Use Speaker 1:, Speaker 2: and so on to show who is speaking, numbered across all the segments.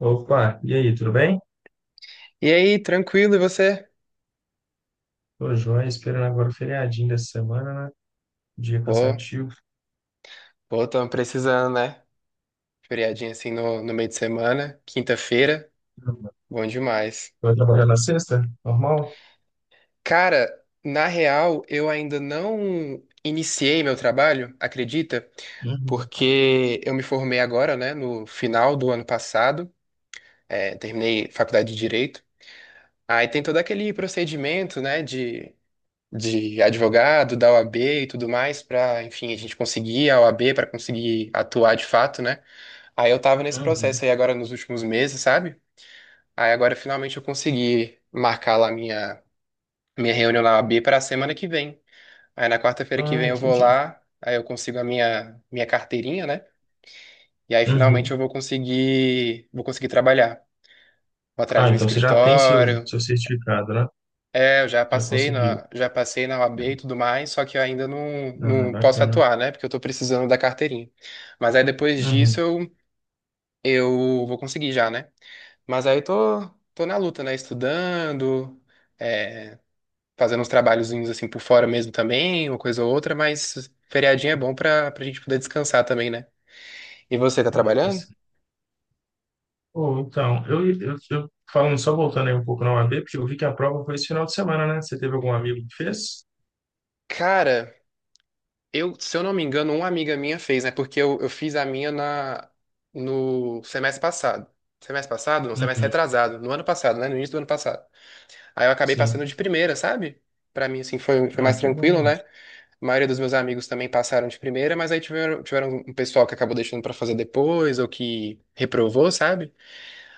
Speaker 1: Opa, e aí, tudo bem?
Speaker 2: E aí, tranquilo, e você?
Speaker 1: Tô joia, esperando agora o feriadinho dessa semana, né? Dia
Speaker 2: Pô,
Speaker 1: cansativo.
Speaker 2: pô, tamo precisando, né? Feriadinha assim no meio de semana, quinta-feira, bom demais.
Speaker 1: Vai trabalhar na sexta? Normal?
Speaker 2: Cara, na real, eu ainda não iniciei meu trabalho, acredita?
Speaker 1: Uhum,
Speaker 2: Porque eu me formei agora, né, no final do ano passado, terminei faculdade de Direito. Aí tem todo aquele procedimento, né, de advogado, da OAB e tudo mais, pra, enfim, a gente conseguir a OAB, pra conseguir atuar de fato, né? Aí eu tava nesse
Speaker 1: uhum.
Speaker 2: processo aí agora nos últimos meses, sabe? Aí agora finalmente eu consegui marcar lá minha reunião na O A B para a semana que vem. Aí na quarta-feira que
Speaker 1: Ah,
Speaker 2: vem eu vou
Speaker 1: entendi.
Speaker 2: lá, aí eu consigo a minha carteirinha, né? E aí finalmente eu
Speaker 1: Uhum.
Speaker 2: vou conseguir trabalhar. Vou atrás
Speaker 1: Ah,
Speaker 2: de um
Speaker 1: então você já tem seu,
Speaker 2: escritório.
Speaker 1: seu certificado, né?
Speaker 2: É, eu já
Speaker 1: Já
Speaker 2: passei
Speaker 1: conseguiu.
Speaker 2: já passei na O A B e tudo mais, só que eu ainda não,
Speaker 1: Ah,
Speaker 2: não posso
Speaker 1: bacana.
Speaker 2: atuar, né? Porque eu tô precisando da carteirinha. Mas aí depois disso
Speaker 1: Uhum.
Speaker 2: eu, eu vou conseguir já, né? Mas aí tô na luta, né? Estudando, é, fazendo uns trabalhozinhos assim por fora mesmo também, uma coisa ou outra, mas feriadinho é bom pra gente poder descansar também, né? E você tá
Speaker 1: Ah, tá
Speaker 2: trabalhando?
Speaker 1: certo. Ou então, eu falando só voltando aí um pouco na UAB, porque eu vi que a prova foi esse final de semana, né? Você teve algum amigo que fez?
Speaker 2: Cara, eu, se eu não me engano, uma amiga minha fez, né? Porque eu fiz a minha no semestre passado. Semestre passado? Não, semestre
Speaker 1: Uhum.
Speaker 2: retrasado. No ano passado, né? No início do ano passado. Aí eu acabei
Speaker 1: Sim.
Speaker 2: passando de primeira, sabe? Pra mim, assim, foi
Speaker 1: Ah,
Speaker 2: mais
Speaker 1: que
Speaker 2: tranquilo,
Speaker 1: bom.
Speaker 2: né? A maioria dos meus amigos também passaram de primeira, mas aí tiveram um pessoal que acabou deixando pra fazer depois ou que reprovou, sabe?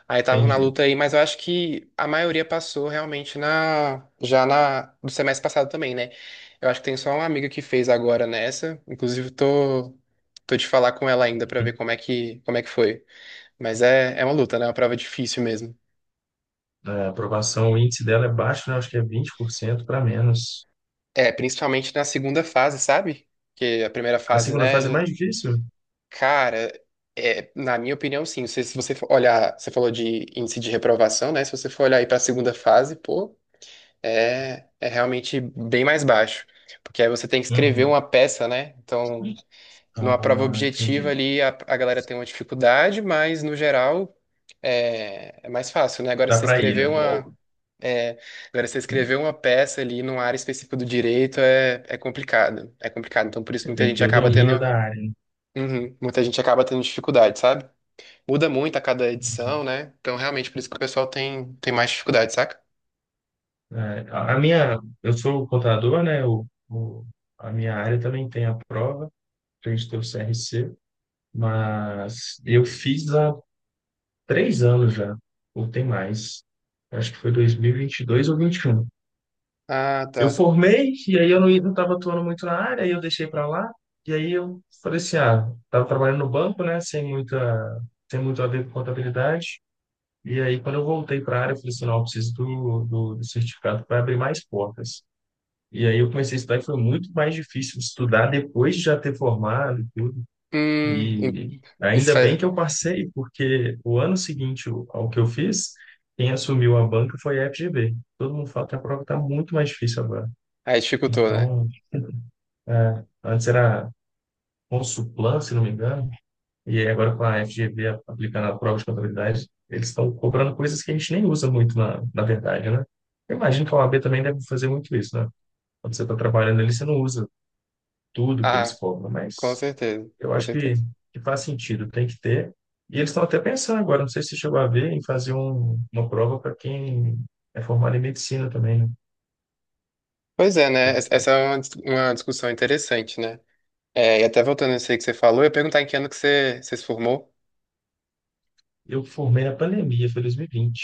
Speaker 2: Aí estavam na
Speaker 1: Entendi.
Speaker 2: luta aí, mas eu acho que a maioria passou realmente na já na do semestre passado também, né? Eu acho que tem só uma amiga que fez agora nessa, inclusive tô de falar com ela ainda pra ver como é que foi. Mas é uma luta, né? É uma prova difícil mesmo.
Speaker 1: A aprovação, o índice dela é baixo, né? Acho que é 20% para menos.
Speaker 2: É, principalmente na segunda fase, sabe? Porque a primeira
Speaker 1: A
Speaker 2: fase,
Speaker 1: segunda
Speaker 2: né,
Speaker 1: fase é
Speaker 2: já-
Speaker 1: mais difícil?
Speaker 2: Cara, é, na minha opinião, sim. Se você for olhar, você falou de índice de reprovação, né? Se você for olhar aí para a segunda fase, pô, é realmente bem mais baixo. Porque aí você tem que escrever
Speaker 1: Uhum.
Speaker 2: uma peça, né? Então,
Speaker 1: Ah,
Speaker 2: numa prova
Speaker 1: entendi.
Speaker 2: objetiva ali, a galera tem uma dificuldade, mas no geral é mais fácil, né? Agora, se
Speaker 1: Dá
Speaker 2: você
Speaker 1: para ir,
Speaker 2: escrever
Speaker 1: né?
Speaker 2: uma. É, agora, se você escrever uma peça ali numa área específica do direito é complicado. É complicado. Então, por isso,
Speaker 1: Você
Speaker 2: muita
Speaker 1: tem que
Speaker 2: gente
Speaker 1: ter o
Speaker 2: acaba
Speaker 1: domínio
Speaker 2: tendo
Speaker 1: da área, né?
Speaker 2: uhum. Muita gente acaba tendo dificuldade, sabe? Muda muito a cada edição, né? Então, realmente, por isso que o pessoal tem mais dificuldade, saca?
Speaker 1: É, a minha, eu sou contador, né? A minha área também tem a prova, tem que ter o CRC, mas eu fiz há 3 anos já, ou tem mais. Acho que foi dois mil e vinte e dois ou vinte e um.
Speaker 2: Ah, tá.
Speaker 1: Eu formei, e aí eu não estava atuando muito na área, aí eu deixei para lá. E aí eu falei assim, ah, estava trabalhando no banco, né, sem muita, sem muito a ver com contabilidade. E aí quando eu voltei para a área, eu falei assim, não, eu preciso do certificado para abrir mais portas. E aí eu comecei a estudar e foi muito mais difícil estudar depois de já ter formado e tudo.
Speaker 2: Hum, hum,
Speaker 1: E
Speaker 2: isso
Speaker 1: ainda bem
Speaker 2: faz...
Speaker 1: que eu passei, porque o ano seguinte ao que eu fiz, quem assumiu a banca foi a FGV. Todo mundo fala que a prova está muito mais difícil agora.
Speaker 2: Aí dificultou, né?
Speaker 1: Então, é, antes era Consulplan, se não me engano, e aí agora com a FGV aplicando a prova de contabilidade, eles estão cobrando coisas que a gente nem usa muito na verdade, né? Eu imagino que a OAB também deve fazer muito isso, né? Quando você está trabalhando ali, você não usa tudo que eles
Speaker 2: Ah,
Speaker 1: cobram, mas eu
Speaker 2: com
Speaker 1: acho que,
Speaker 2: certeza.
Speaker 1: que faz sentido, tem que ter. E eles estão até pensando agora, não sei se você chegou a ver, em fazer uma prova para quem é formado em medicina também, né?
Speaker 2: Pois é, né? Essa é uma, dis- uma discussão interessante, né? É, e até voltando a isso aí que você falou, eu ia perguntar em que ano que você se formou?
Speaker 1: Eu formei na pandemia, foi 2020,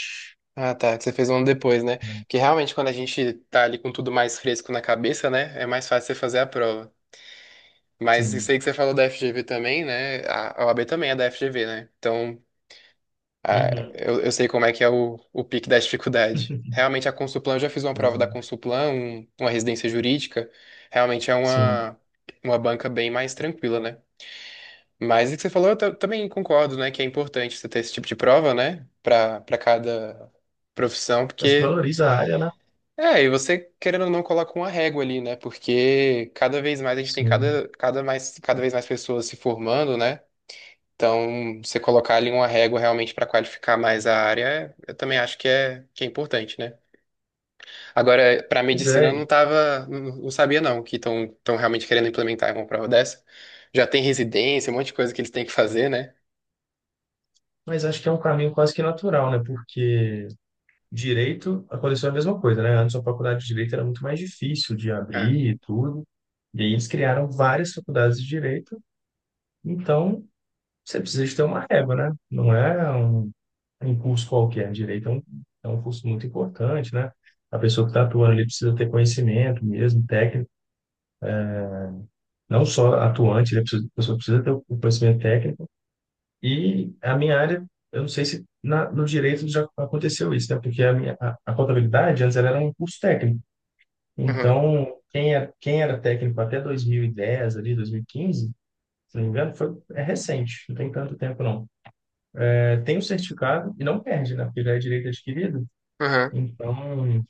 Speaker 2: Ah, tá, que você fez um ano depois, né?
Speaker 1: né?
Speaker 2: Porque realmente quando a gente tá ali com tudo mais fresco na cabeça, né? É mais fácil você fazer a prova. Mas isso
Speaker 1: Sim.
Speaker 2: aí que você falou da FGV também, né? A OAB também é da FGV, né? Então, a-
Speaker 1: Uhum.
Speaker 2: eu sei como é que é o pique da dificuldade. Realmente, a Consulplan, eu já fiz uma prova da Consulplan, um- uma residência jurídica. Realmente é
Speaker 1: Sim.
Speaker 2: uma banca bem mais tranquila, né? Mas o que você falou, eu ta- também concordo, né? Que é importante você ter esse tipo de prova, né? Para cada profissão,
Speaker 1: Acho que
Speaker 2: porque.
Speaker 1: valoriza a área, né?
Speaker 2: É, e você, querendo ou não, coloca uma régua ali, né? Porque cada vez mais a gente tem
Speaker 1: Sim.
Speaker 2: cada vez mais pessoas se formando, né? Então, você colocar ali uma régua realmente para qualificar mais a área, eu também acho que que é importante, né? Agora, para
Speaker 1: Pois
Speaker 2: medicina,
Speaker 1: é,
Speaker 2: eu não tava, não sabia não que estão realmente querendo implementar uma prova dessa. Já tem residência, um monte de coisa que eles têm que fazer, né?
Speaker 1: mas acho que é um caminho quase que natural, né? Porque direito aconteceu a mesma coisa, né? Antes a faculdade de direito era muito mais difícil de
Speaker 2: É.
Speaker 1: abrir e tudo. E aí eles criaram várias faculdades de direito. Então, você precisa de ter uma régua, né? Não é um curso qualquer. Direito é um curso muito importante, né? A pessoa que está atuando ali precisa ter conhecimento mesmo, técnico. Não só atuante, né? A pessoa precisa ter o conhecimento técnico. E a minha área, eu não sei se no direito já aconteceu isso, né? Porque a contabilidade antes ela era um curso técnico.
Speaker 2: Uhum,
Speaker 1: Então, quem era técnico até 2010, ali 2015, se não me engano, foi, é recente, não tem tanto tempo não. É, tem o certificado e não perde, né? Porque já é direito adquirido.
Speaker 2: uhum,
Speaker 1: Então,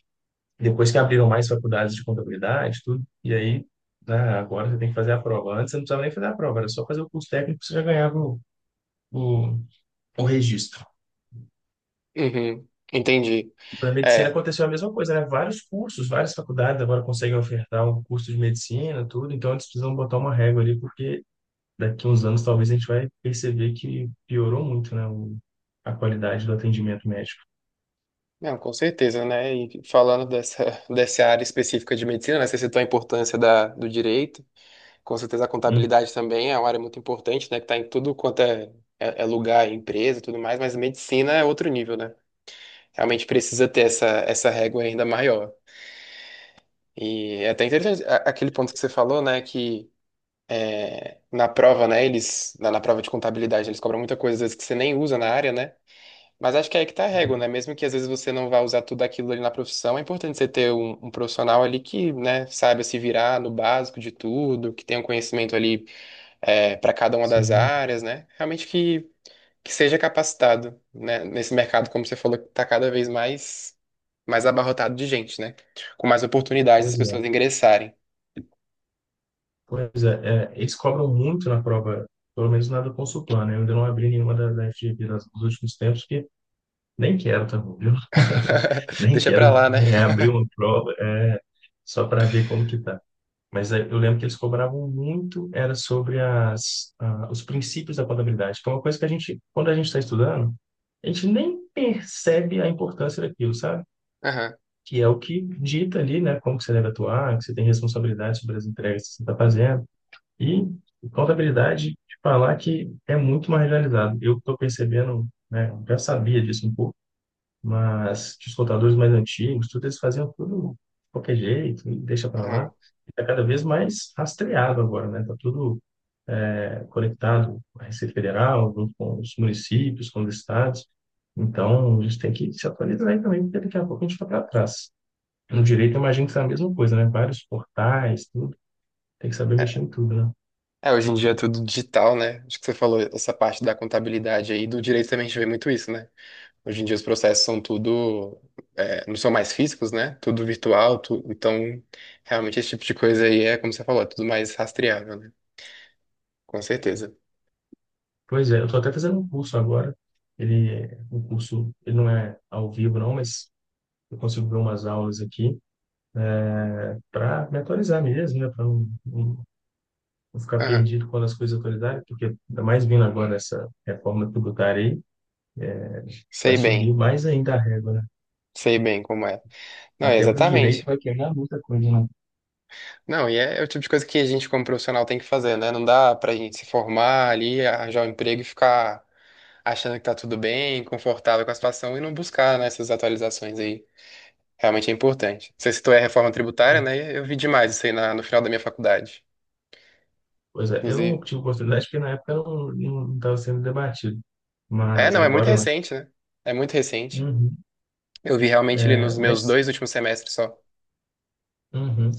Speaker 1: depois que abriram mais faculdades de contabilidade, tudo, e aí, né, agora você tem que fazer a prova. Antes você não precisava nem fazer a prova, era só fazer o curso técnico que você já ganhava o, o registro.
Speaker 2: uhum. Entendi.
Speaker 1: E para medicina
Speaker 2: É,
Speaker 1: aconteceu a mesma coisa, né? Vários cursos, várias faculdades agora conseguem ofertar um curso de medicina, tudo, então eles precisam botar uma régua ali, porque daqui uns anos talvez a gente vai perceber que piorou muito, né? A qualidade do atendimento médico.
Speaker 2: não, com certeza, né? E falando dessa, dessa área específica de medicina, né? Você citou a importância da, do direito. Com certeza a
Speaker 1: Hum,
Speaker 2: contabilidade também é uma área muito importante, né? Que está em tudo quanto é lugar, é empresa, e tudo mais, mas medicina é outro nível, né? Realmente precisa ter essa régua ainda maior. E é até interessante a- aquele ponto que você falou, né? Que é, na prova, né? Eles, na prova de contabilidade, eles cobram muita coisa, às vezes, que você nem usa na área, né? Mas acho que é aí que tá a régua, né? Mesmo que às vezes você não vá usar tudo aquilo ali na profissão, é importante você ter um profissional ali que, né, saiba se virar no básico de tudo, que tenha um conhecimento ali para cada uma das
Speaker 1: Sim,
Speaker 2: áreas, né? Realmente que seja capacitado, né? Nesse mercado, como você falou, que está mais abarrotado de gente, né? Com mais oportunidades das
Speaker 1: pois é.
Speaker 2: pessoas ingressarem.
Speaker 1: Pois é, eles cobram muito na prova, pelo menos na do Consulplan, né? Eu ainda não abri nenhuma da FGV nos últimos tempos, porque nem quero, tá bom, viu? Nem
Speaker 2: Deixa pra
Speaker 1: quero
Speaker 2: lá, né?
Speaker 1: reabrir uma prova, é, só para ver como que tá. Mas eu lembro que eles cobravam muito, era sobre os princípios da contabilidade, que é uma coisa que a gente, quando a gente está estudando, a gente nem percebe a importância daquilo, sabe?
Speaker 2: Aham.
Speaker 1: Que é o que dita ali, né? Como que você deve atuar, que você tem responsabilidade sobre as entregas que você está fazendo. E contabilidade, te falar que é muito mais realizado. Eu estou percebendo, né? Eu já sabia disso um pouco, mas que os contadores mais antigos, tudo eles faziam tudo de qualquer jeito, e deixa para lá.
Speaker 2: Uhum.
Speaker 1: Está cada vez mais rastreado agora, né? Está tudo é, conectado à Receita Federal, junto com os municípios, com os estados. Então, a gente tem que se atualizar aí também, porque daqui a pouco a gente está para trás. No direito, eu imagino que é a mesma coisa, né? Vários portais, tudo. Tem que saber mexer em tudo, né?
Speaker 2: É, hoje em dia é tudo digital, né? Acho que você falou essa parte da contabilidade aí, do direito também a gente vê muito isso, né? Hoje em dia os processos são tudo, não são mais físicos, né? Tudo virtual, tu- então realmente esse tipo de coisa aí é, como você falou, é tudo mais rastreável, né? Com certeza.
Speaker 1: Pois é, eu estou até fazendo um curso agora. Ele, o curso, ele não é ao vivo, não, mas eu consigo ver umas aulas aqui para me atualizar mesmo, né? Para não ficar
Speaker 2: Aham.
Speaker 1: perdido quando as coisas atualizarem, porque ainda mais vindo agora essa reforma tributária aí, vai
Speaker 2: Sei
Speaker 1: subir
Speaker 2: bem,
Speaker 1: mais ainda a régua, né?
Speaker 2: sei bem como é. Não, é
Speaker 1: Até para o direito
Speaker 2: exatamente.
Speaker 1: vai quebrar muita coisa, né?
Speaker 2: Não, e é o tipo de coisa que a gente como profissional tem que fazer, né? Não dá pra gente se formar ali, arranjar um emprego e ficar achando que tá tudo bem, confortável com a situação e não buscar, né, essas atualizações aí. Realmente é importante. Você citou a reforma tributária, né? Eu vi demais isso aí na- no final da minha faculdade.
Speaker 1: Pois é, eu
Speaker 2: Inclusive.
Speaker 1: não tive oportunidade porque na época não estava sendo debatido,
Speaker 2: É,
Speaker 1: mas
Speaker 2: não, é muito
Speaker 1: agora, né?
Speaker 2: recente, né? É muito recente.
Speaker 1: Uhum.
Speaker 2: Eu vi realmente ele
Speaker 1: É,
Speaker 2: nos meus
Speaker 1: mas,
Speaker 2: dois últimos semestres só.
Speaker 1: uhum.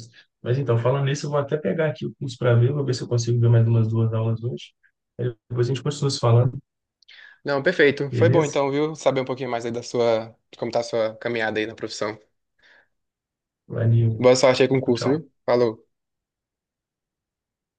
Speaker 1: Mas então, falando nisso, eu vou até pegar aqui o curso para ver, vou ver se eu consigo ver mais umas duas aulas hoje. Aí depois a gente continua se falando,
Speaker 2: Não, perfeito. Foi bom
Speaker 1: beleza?
Speaker 2: então, viu? Saber um pouquinho mais aí da sua, de como tá a sua caminhada aí na profissão.
Speaker 1: Valeu,
Speaker 2: Boa sorte aí com o
Speaker 1: tchau,
Speaker 2: curso,
Speaker 1: tchau.
Speaker 2: viu? Falou.